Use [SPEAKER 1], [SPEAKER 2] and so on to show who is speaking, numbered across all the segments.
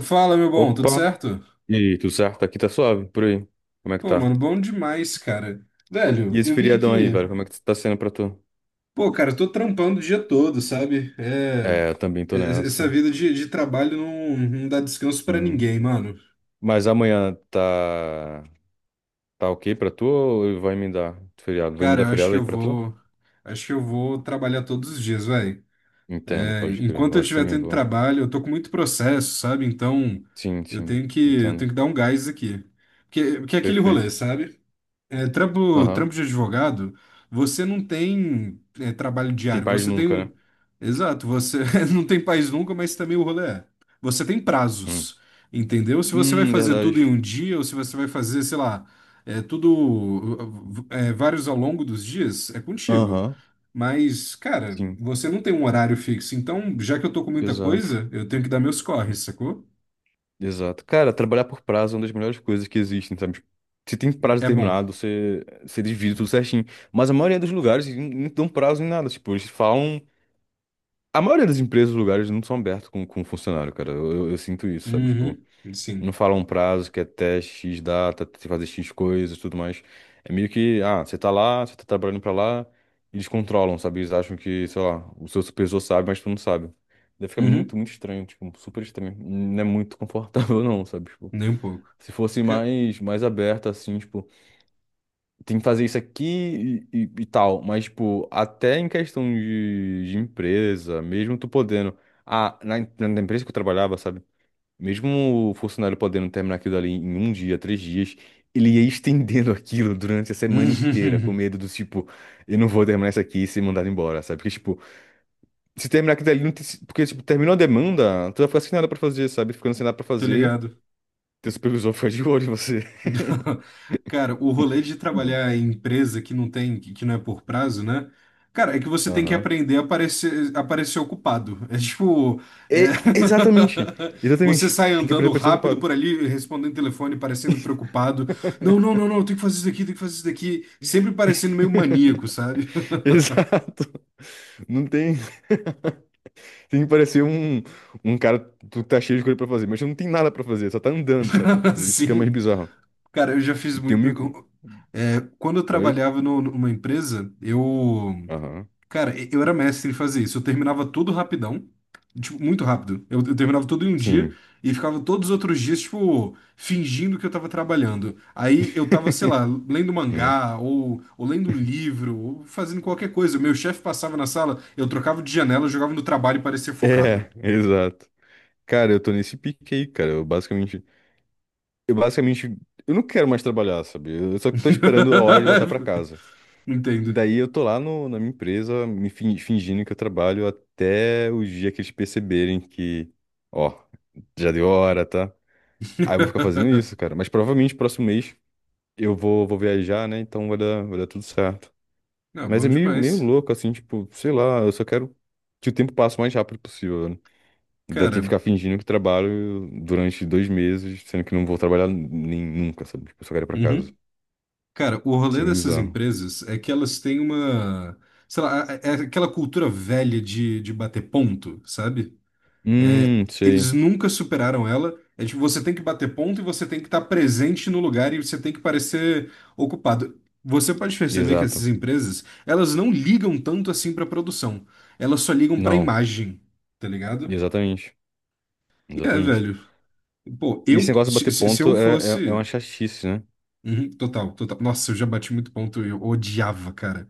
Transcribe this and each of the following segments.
[SPEAKER 1] Fala, meu bom, tudo
[SPEAKER 2] Opa!
[SPEAKER 1] certo?
[SPEAKER 2] E aí, tudo certo? Aqui tá suave, por aí. Como é que
[SPEAKER 1] Pô,
[SPEAKER 2] tá?
[SPEAKER 1] mano, bom demais, cara. Velho,
[SPEAKER 2] E esse
[SPEAKER 1] eu vim
[SPEAKER 2] feriadão aí,
[SPEAKER 1] aqui.
[SPEAKER 2] velho, como é que tá sendo pra tu?
[SPEAKER 1] Pô, cara, eu tô trampando o dia todo, sabe? É.
[SPEAKER 2] É, eu também tô
[SPEAKER 1] Essa
[SPEAKER 2] nessa.
[SPEAKER 1] vida de trabalho não dá descanso pra
[SPEAKER 2] Sim.
[SPEAKER 1] ninguém, mano.
[SPEAKER 2] Mas amanhã tá. Tá ok pra tu ou vai me dar feriado? Vai me
[SPEAKER 1] Cara,
[SPEAKER 2] dar
[SPEAKER 1] eu acho
[SPEAKER 2] feriado
[SPEAKER 1] que
[SPEAKER 2] aí
[SPEAKER 1] eu
[SPEAKER 2] pra tu?
[SPEAKER 1] vou. Acho que eu vou trabalhar todos os dias, velho.
[SPEAKER 2] Entendo,
[SPEAKER 1] É,
[SPEAKER 2] pode crer.
[SPEAKER 1] enquanto
[SPEAKER 2] Eu
[SPEAKER 1] eu
[SPEAKER 2] acho que
[SPEAKER 1] estiver
[SPEAKER 2] também
[SPEAKER 1] tendo
[SPEAKER 2] vou.
[SPEAKER 1] trabalho, eu tô com muito processo, sabe? Então,
[SPEAKER 2] Sim,
[SPEAKER 1] eu
[SPEAKER 2] sim,
[SPEAKER 1] tenho que, eu tenho
[SPEAKER 2] entendo.
[SPEAKER 1] que dar um gás aqui. Porque é aquele rolê,
[SPEAKER 2] Perfeito.
[SPEAKER 1] sabe? É,
[SPEAKER 2] Aham.
[SPEAKER 1] trampo de advogado, você não tem é, trabalho
[SPEAKER 2] Tem
[SPEAKER 1] diário,
[SPEAKER 2] paz
[SPEAKER 1] você
[SPEAKER 2] nunca, né?
[SPEAKER 1] tem. Exato, você não tem país nunca, mas também o rolê é. Você tem
[SPEAKER 2] Hum.
[SPEAKER 1] prazos, entendeu? Se você vai fazer
[SPEAKER 2] Verdade.
[SPEAKER 1] tudo em um dia, ou se você vai fazer, sei lá, é, tudo, é, vários ao longo dos dias, é contigo.
[SPEAKER 2] Aham.
[SPEAKER 1] Mas, cara,
[SPEAKER 2] Sim,
[SPEAKER 1] você não tem um horário fixo, então, já que eu tô com muita
[SPEAKER 2] exato.
[SPEAKER 1] coisa, eu tenho que dar meus corres, sacou?
[SPEAKER 2] Exato. Cara, trabalhar por prazo é uma das melhores coisas que existem, sabe? Tipo, se tem prazo
[SPEAKER 1] É bom.
[SPEAKER 2] determinado, você divide tudo certinho. Mas a maioria dos lugares não dão prazo em nada. Tipo, eles falam. A maioria das empresas, lugares, não são abertos com funcionário, cara. Eu sinto isso, sabe? Tipo,
[SPEAKER 1] Uhum, sim.
[SPEAKER 2] não falam um prazo que é até X data, tem que fazer X coisas e tudo mais. É meio que, ah, você tá lá, você tá trabalhando pra lá, eles controlam, sabe? Eles acham que, sei lá, o seu supervisor sabe, mas tu não sabe. Daí fica
[SPEAKER 1] Uhum,
[SPEAKER 2] muito, muito estranho, tipo, super estranho. Não é muito confortável, não, sabe? Tipo.
[SPEAKER 1] nem um pouco.
[SPEAKER 2] Se fosse
[SPEAKER 1] Ca-
[SPEAKER 2] mais, mais aberta, assim, tipo, tem que fazer isso aqui e, e tal. Mas, tipo, até em questão de empresa, mesmo tu podendo. Ah, na, na empresa que eu trabalhava, sabe? Mesmo o funcionário podendo terminar aquilo ali em um dia, três dias, ele ia estendendo aquilo durante a semana inteira, com medo do tipo, eu não vou terminar isso aqui e ser mandado embora, sabe? Porque, tipo, se terminar aquilo ali, não tem, porque, tipo, terminou a demanda, tu vai ficar sem nada pra fazer, sabe? Ficando sem nada pra
[SPEAKER 1] Tô
[SPEAKER 2] fazer,
[SPEAKER 1] ligado.
[SPEAKER 2] teu supervisor fica de olho em você.
[SPEAKER 1] Cara, o rolê de trabalhar em empresa que não tem, que não é por prazo, né? Cara, é que você tem que
[SPEAKER 2] Aham.
[SPEAKER 1] aprender a aparecer, aparecer ocupado. É tipo. é,
[SPEAKER 2] É, exatamente.
[SPEAKER 1] Você
[SPEAKER 2] Exatamente.
[SPEAKER 1] sai
[SPEAKER 2] Tem que aprender
[SPEAKER 1] andando
[SPEAKER 2] a parecer
[SPEAKER 1] rápido por
[SPEAKER 2] ocupado.
[SPEAKER 1] ali, respondendo telefone, parecendo preocupado. Não, eu tenho que fazer isso daqui, tenho que fazer isso daqui. Sempre parecendo meio maníaco, sabe?
[SPEAKER 2] Exato. Não tem. Tem que parecer um, um cara que tá cheio de coisa pra fazer, mas não tem nada pra fazer, só tá andando, sabe? Tipo, isso que é mais
[SPEAKER 1] Assim.
[SPEAKER 2] bizarro.
[SPEAKER 1] Cara, eu já fiz
[SPEAKER 2] E tem um
[SPEAKER 1] muito.
[SPEAKER 2] mico?
[SPEAKER 1] Quando eu
[SPEAKER 2] Oi?
[SPEAKER 1] trabalhava numa empresa, eu.
[SPEAKER 2] Aham.
[SPEAKER 1] Cara, eu era mestre em fazer isso. Eu terminava tudo rapidão. Tipo, muito rápido. Eu terminava tudo em um dia
[SPEAKER 2] Sim.
[SPEAKER 1] e ficava todos os outros dias, tipo, fingindo que eu tava trabalhando. Aí eu tava, sei lá, lendo
[SPEAKER 2] Hum.
[SPEAKER 1] mangá, ou lendo um livro, ou fazendo qualquer coisa. O meu chefe passava na sala, eu trocava de janela, eu jogava no trabalho e parecia focado.
[SPEAKER 2] É, exato. Cara, eu tô nesse pique aí, cara. Eu basicamente. Eu basicamente. Eu não quero mais trabalhar, sabe? Eu só tô esperando a hora de voltar pra casa.
[SPEAKER 1] Entendo.
[SPEAKER 2] Daí eu tô lá na minha empresa, me fingindo que eu trabalho até o dia que eles perceberem que, ó, já deu hora, tá? Aí eu vou ficar fazendo isso, cara. Mas provavelmente próximo mês eu vou, vou viajar, né? Então vai dar tudo certo.
[SPEAKER 1] Não,
[SPEAKER 2] Mas
[SPEAKER 1] bom
[SPEAKER 2] é meio, meio
[SPEAKER 1] demais.
[SPEAKER 2] louco, assim, tipo, sei lá, eu só quero que o tempo passe o mais rápido possível, né? Ainda tem que
[SPEAKER 1] Cara,
[SPEAKER 2] ficar fingindo que trabalho durante dois meses, sendo que não vou trabalhar nem nunca, sabe? Tipo, eu só quero ir pra casa.
[SPEAKER 1] uhum. Cara, o
[SPEAKER 2] Isso
[SPEAKER 1] rolê
[SPEAKER 2] é meio
[SPEAKER 1] dessas
[SPEAKER 2] bizarro.
[SPEAKER 1] empresas é que elas têm uma, sei lá, é aquela cultura velha de bater ponto, sabe? É, eles
[SPEAKER 2] Sei.
[SPEAKER 1] nunca superaram ela. É tipo, você tem que bater ponto e você tem que estar presente no lugar e você tem que parecer ocupado. Você pode perceber que
[SPEAKER 2] Exato.
[SPEAKER 1] essas empresas, elas não ligam tanto assim pra produção. Elas só ligam pra
[SPEAKER 2] Não,
[SPEAKER 1] imagem, tá ligado?
[SPEAKER 2] exatamente.
[SPEAKER 1] E é,
[SPEAKER 2] Exatamente.
[SPEAKER 1] velho. Pô,
[SPEAKER 2] E esse
[SPEAKER 1] eu,
[SPEAKER 2] negócio de
[SPEAKER 1] se,
[SPEAKER 2] bater
[SPEAKER 1] se se eu
[SPEAKER 2] ponto é, é, é uma
[SPEAKER 1] fosse.
[SPEAKER 2] chatice, né?
[SPEAKER 1] Uhum, total. Nossa, eu já bati muito ponto, eu odiava, cara.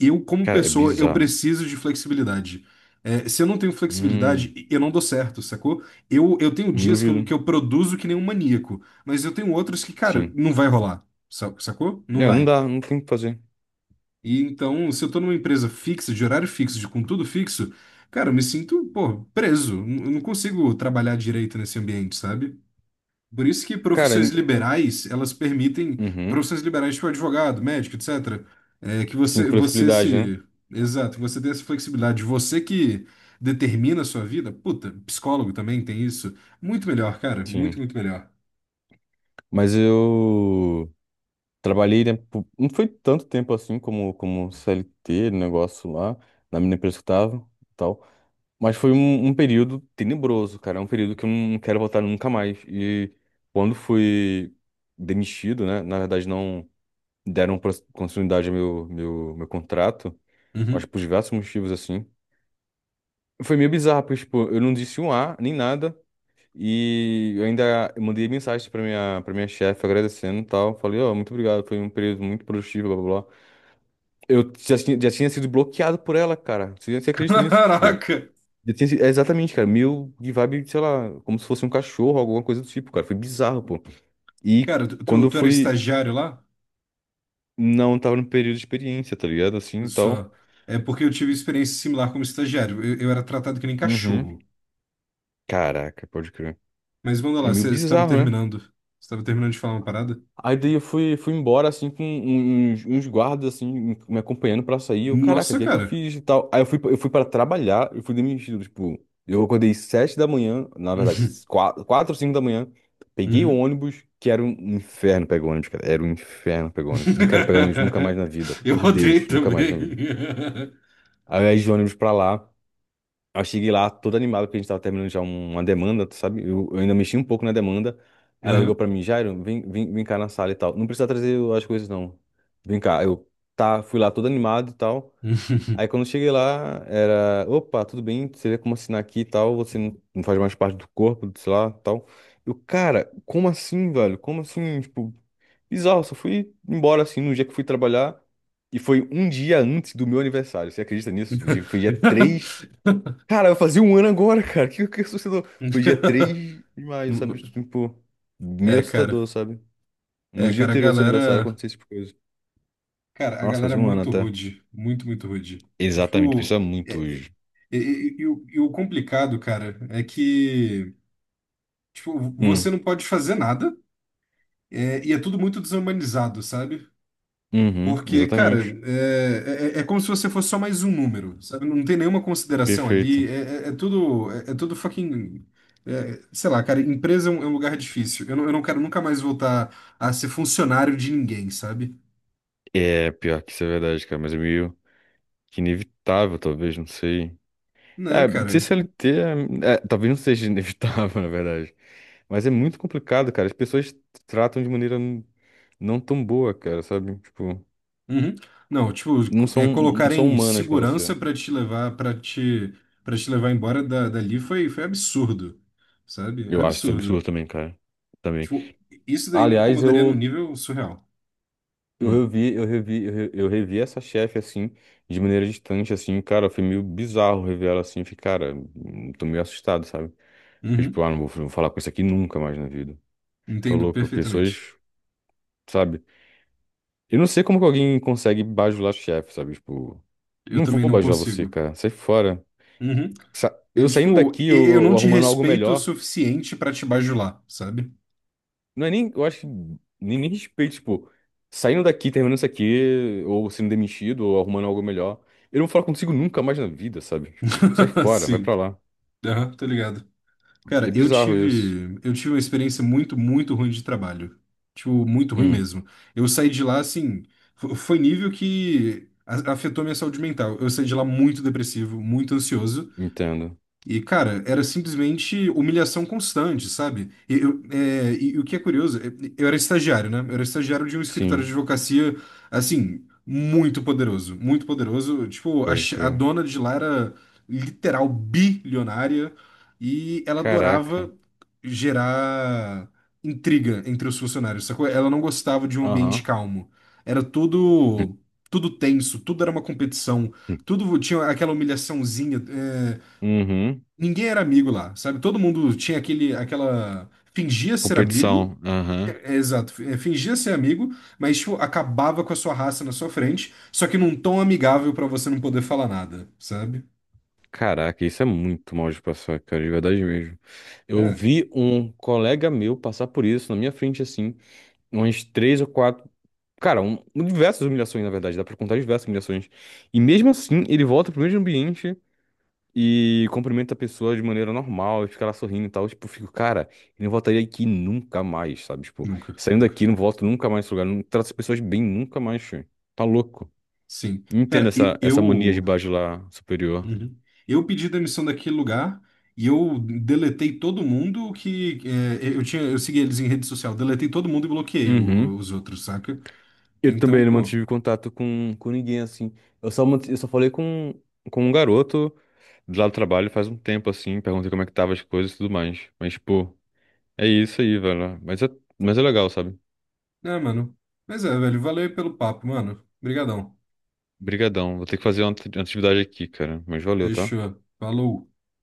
[SPEAKER 1] Eu, como
[SPEAKER 2] Cara, é
[SPEAKER 1] pessoa, eu
[SPEAKER 2] bizarro.
[SPEAKER 1] preciso de flexibilidade. É, se eu não tenho
[SPEAKER 2] Hum,
[SPEAKER 1] flexibilidade, eu não dou certo, sacou? Eu tenho
[SPEAKER 2] não
[SPEAKER 1] dias
[SPEAKER 2] duvido.
[SPEAKER 1] que eu produzo que nem um maníaco, mas eu tenho outros que, cara,
[SPEAKER 2] Sim.
[SPEAKER 1] não vai rolar, sacou? Não
[SPEAKER 2] É, não
[SPEAKER 1] vai.
[SPEAKER 2] dá, não tem o que fazer.
[SPEAKER 1] E então, se eu tô numa empresa fixa, de horário fixo, de com tudo fixo, cara, eu me sinto, pô, preso. Eu não consigo trabalhar direito nesse ambiente, sabe? Por isso que
[SPEAKER 2] Cara,
[SPEAKER 1] profissões
[SPEAKER 2] em-
[SPEAKER 1] liberais, elas permitem,
[SPEAKER 2] uhum.
[SPEAKER 1] profissões liberais tipo advogado, médico, etcétera é, que
[SPEAKER 2] Sim, com
[SPEAKER 1] você, você
[SPEAKER 2] flexibilidade, né?
[SPEAKER 1] se, exato, você tem essa flexibilidade, você que determina a sua vida, puta, psicólogo também tem isso, muito melhor, cara,
[SPEAKER 2] Sim.
[SPEAKER 1] muito melhor.
[SPEAKER 2] Mas eu trabalhei, né? por- Não foi tanto tempo assim como, como CLT, negócio lá, na minha empresa que eu tava e tal. Mas foi um, um período tenebroso, cara. É um período que eu não quero voltar nunca mais. E quando fui demitido, né? Na verdade, não. Deram continuidade ao meu contrato, acho
[SPEAKER 1] Uhum.
[SPEAKER 2] que por diversos motivos, assim. Foi meio bizarro, porque, tipo, eu não disse um A, nem nada, e eu ainda mandei mensagem pra minha chefe agradecendo e tal. Falei, ó, muito obrigado, foi um período muito produtivo, blá, blá, blá. Eu já tinha sido bloqueado por ela, cara. Você acredita nisso? Que, tipo,
[SPEAKER 1] Caraca!
[SPEAKER 2] já tinha, é exatamente, cara, meio de vibe, sei lá, como se fosse um cachorro, alguma coisa do tipo, cara. Foi bizarro, pô. E
[SPEAKER 1] Cara, tu,
[SPEAKER 2] quando
[SPEAKER 1] tu
[SPEAKER 2] eu
[SPEAKER 1] tu era
[SPEAKER 2] fui,
[SPEAKER 1] estagiário lá?
[SPEAKER 2] não tava no período de experiência, tá ligado? Assim, e tal.
[SPEAKER 1] Só. É porque eu tive experiência similar como estagiário, eu era tratado que nem
[SPEAKER 2] Uhum.
[SPEAKER 1] cachorro.
[SPEAKER 2] Caraca, pode crer.
[SPEAKER 1] Mas manda lá,
[SPEAKER 2] É meio bizarro, né?
[SPEAKER 1] você estava terminando de falar uma parada?
[SPEAKER 2] Aí daí eu fui, fui embora, assim, com um, um, uns, uns guardas, assim, me acompanhando pra sair. Eu, caraca, o
[SPEAKER 1] Nossa,
[SPEAKER 2] que é que eu
[SPEAKER 1] cara!
[SPEAKER 2] fiz e tal? Aí eu fui pra trabalhar, eu fui demitido, tipo... Eu acordei sete da manhã, na verdade, quatro, ou cinco da manhã. Peguei o
[SPEAKER 1] Uhum.
[SPEAKER 2] ônibus, que era um inferno pegar ônibus, cara. Era um inferno pegar ônibus. Não quero pegar ônibus nunca mais na vida,
[SPEAKER 1] Eu
[SPEAKER 2] por
[SPEAKER 1] odeio
[SPEAKER 2] Deus, nunca mais
[SPEAKER 1] também.
[SPEAKER 2] na vida. Aí eu ia de ônibus pra lá. Eu cheguei lá todo animado, porque a gente tava terminando já um, uma demanda, tu sabe? Eu ainda mexi um pouco na demanda. Ela ligou
[SPEAKER 1] Aham.
[SPEAKER 2] pra mim, Jairo, vem, vem, vem cá na sala e tal. Não precisa trazer as coisas, não. Vem cá. Eu tá, fui lá todo animado e tal. Aí quando eu cheguei lá, era, opa, tudo bem, você vê como assinar aqui e tal, você não, não faz mais parte do corpo, sei lá, tal. Eu, cara, como assim, velho? Como assim? Tipo, bizarro, só fui embora assim no dia que fui trabalhar. E foi um dia antes do meu aniversário. Você acredita nisso? Dia- foi dia 3. Cara, vai fazer um ano agora, cara. O que, que assustador? Foi dia 3 de maio,
[SPEAKER 1] Não,
[SPEAKER 2] sabe?
[SPEAKER 1] não.
[SPEAKER 2] Tipo, meio
[SPEAKER 1] É,
[SPEAKER 2] assustador,
[SPEAKER 1] cara.
[SPEAKER 2] sabe? No
[SPEAKER 1] É,
[SPEAKER 2] dia
[SPEAKER 1] cara, a
[SPEAKER 2] anterior do seu aniversário
[SPEAKER 1] galera.
[SPEAKER 2] aconteceu esse tipo de coisa.
[SPEAKER 1] Cara, a
[SPEAKER 2] Nossa,
[SPEAKER 1] galera é
[SPEAKER 2] fazia um ano
[SPEAKER 1] muito
[SPEAKER 2] até.
[SPEAKER 1] rude. Muito, rude.
[SPEAKER 2] Exatamente,
[SPEAKER 1] Tipo,
[SPEAKER 2] pensa muito
[SPEAKER 1] é- é-
[SPEAKER 2] hoje.
[SPEAKER 1] e o complicado, cara, é que, tipo, você
[SPEAKER 2] Hum,
[SPEAKER 1] não pode fazer nada, é, e é tudo muito desumanizado, sabe?
[SPEAKER 2] uhum,
[SPEAKER 1] Porque, cara,
[SPEAKER 2] exatamente.
[SPEAKER 1] é como se você fosse só mais um número, sabe? Não tem nenhuma consideração ali,
[SPEAKER 2] Perfeito.
[SPEAKER 1] é tudo, é, é tudo fucking, é, sei lá, cara, empresa é um lugar difícil. Eu não quero nunca mais voltar a ser funcionário de ninguém, sabe?
[SPEAKER 2] É, pior que isso é verdade, cara, mas é meio que inevitável, talvez, não sei. É,
[SPEAKER 1] Né,
[SPEAKER 2] ser
[SPEAKER 1] cara?
[SPEAKER 2] CLT, é, é, talvez não seja inevitável, na verdade. Mas é muito complicado, cara. As pessoas tratam de maneira não tão boa, cara, sabe? Tipo.
[SPEAKER 1] Uhum. Não, tipo,
[SPEAKER 2] Não são, não
[SPEAKER 1] colocar
[SPEAKER 2] são
[SPEAKER 1] em
[SPEAKER 2] humanas com você.
[SPEAKER 1] segurança pra te levar, para te levar embora dali foi, foi absurdo, sabe?
[SPEAKER 2] Eu acho isso absurdo
[SPEAKER 1] Absurdo.
[SPEAKER 2] também, cara. Também.
[SPEAKER 1] Tipo, isso daí me
[SPEAKER 2] Aliás,
[SPEAKER 1] incomodaria no nível surreal.
[SPEAKER 2] eu
[SPEAKER 1] Hum.
[SPEAKER 2] revi, eu revi, eu revi essa chefe, assim, de maneira distante, assim, cara, foi meio bizarro rever ela assim, fiquei, cara, tô meio assustado, sabe? Fiquei tipo,
[SPEAKER 1] Uhum.
[SPEAKER 2] ah, não vou, não vou falar com isso aqui nunca mais na vida. Tô
[SPEAKER 1] Entendo
[SPEAKER 2] louco,
[SPEAKER 1] perfeitamente.
[SPEAKER 2] pessoas, sabe? Eu não sei como que alguém consegue bajular chefe, sabe? Tipo,
[SPEAKER 1] Eu
[SPEAKER 2] não vou
[SPEAKER 1] também não
[SPEAKER 2] bajular você,
[SPEAKER 1] consigo.
[SPEAKER 2] cara, sai fora.
[SPEAKER 1] Uhum. É,
[SPEAKER 2] Eu saindo
[SPEAKER 1] tipo,
[SPEAKER 2] daqui,
[SPEAKER 1] eu não
[SPEAKER 2] eu
[SPEAKER 1] te
[SPEAKER 2] arrumando algo
[SPEAKER 1] respeito o
[SPEAKER 2] melhor.
[SPEAKER 1] suficiente pra te bajular, sabe?
[SPEAKER 2] Não é nem, eu acho, que nem, nem respeito, tipo, saindo daqui, terminando isso aqui, ou sendo demitido, ou arrumando algo melhor. Eu não vou falar contigo nunca mais na vida, sabe? Tipo, sai fora, vai
[SPEAKER 1] Sim.
[SPEAKER 2] pra lá.
[SPEAKER 1] Aham, tô ligado. Cara,
[SPEAKER 2] É bizarro isso.
[SPEAKER 1] eu tive uma experiência muito ruim de trabalho. Tipo, muito ruim
[SPEAKER 2] Hum,
[SPEAKER 1] mesmo. Eu saí de lá, assim, foi nível que afetou minha saúde mental. Eu saí de lá muito depressivo, muito ansioso.
[SPEAKER 2] entendo.
[SPEAKER 1] E, cara, era simplesmente humilhação constante, sabe? E, o que é curioso, é- eu era estagiário, né? Eu era estagiário de um escritório de
[SPEAKER 2] Sim,
[SPEAKER 1] advocacia, assim, muito poderoso, muito poderoso. Tipo,
[SPEAKER 2] pode
[SPEAKER 1] a
[SPEAKER 2] crer.
[SPEAKER 1] dona de lá era literal bilionária e ela
[SPEAKER 2] Caraca.
[SPEAKER 1] adorava gerar intriga entre os funcionários, sacou? Ela não gostava de um ambiente
[SPEAKER 2] Aham.
[SPEAKER 1] calmo. Era tudo, tudo tenso, tudo era uma competição,
[SPEAKER 2] Hum.
[SPEAKER 1] tudo tinha aquela humilhaçãozinha.
[SPEAKER 2] Uhum.
[SPEAKER 1] Ninguém era amigo lá, sabe? Todo mundo tinha aquele, aquela. Fingia ser amigo.
[SPEAKER 2] Competição. Aham.
[SPEAKER 1] Exato, é, fingia ser amigo, mas tipo, acabava com a sua raça na sua frente, só que num tom amigável pra você não poder falar nada, sabe?
[SPEAKER 2] Caraca, isso é muito mal de passar, cara, de verdade mesmo. Eu
[SPEAKER 1] É,
[SPEAKER 2] vi um colega meu passar por isso na minha frente, assim, umas três ou quatro. Cara, um, diversas humilhações, na verdade, dá pra contar diversas humilhações. E mesmo assim, ele volta pro mesmo ambiente e cumprimenta a pessoa de maneira normal, e fica lá sorrindo e tal. Tipo, eu fico, cara, ele não voltaria aqui nunca mais, sabe? Tipo,
[SPEAKER 1] nunca,
[SPEAKER 2] saindo
[SPEAKER 1] nunca.
[SPEAKER 2] daqui, não volto nunca mais nesse lugar, não trato as pessoas bem nunca mais, tio. Tá louco.
[SPEAKER 1] Sim.
[SPEAKER 2] Não entendo
[SPEAKER 1] Cara,
[SPEAKER 2] essa, essa mania de
[SPEAKER 1] eu.
[SPEAKER 2] baixo lá superior.
[SPEAKER 1] Uhum. Eu pedi demissão daquele lugar e eu deletei todo mundo que. Eu segui eles em rede social, deletei todo mundo e bloqueei
[SPEAKER 2] Uhum.
[SPEAKER 1] os outros, saca?
[SPEAKER 2] Eu
[SPEAKER 1] Então,
[SPEAKER 2] também não
[SPEAKER 1] pô.
[SPEAKER 2] mantive contato com ninguém, assim. Eu só, eu só falei com um garoto. Do lado do trabalho faz um tempo assim, perguntei como é que tava as coisas e tudo mais. Mas, pô, é isso aí, velho. Mas é legal, sabe?
[SPEAKER 1] É, mano. Mas é, velho. Valeu aí pelo papo, mano. Obrigadão.
[SPEAKER 2] Brigadão. Vou ter que fazer uma atividade aqui, cara. Mas valeu, tá?
[SPEAKER 1] Fechou. Falou.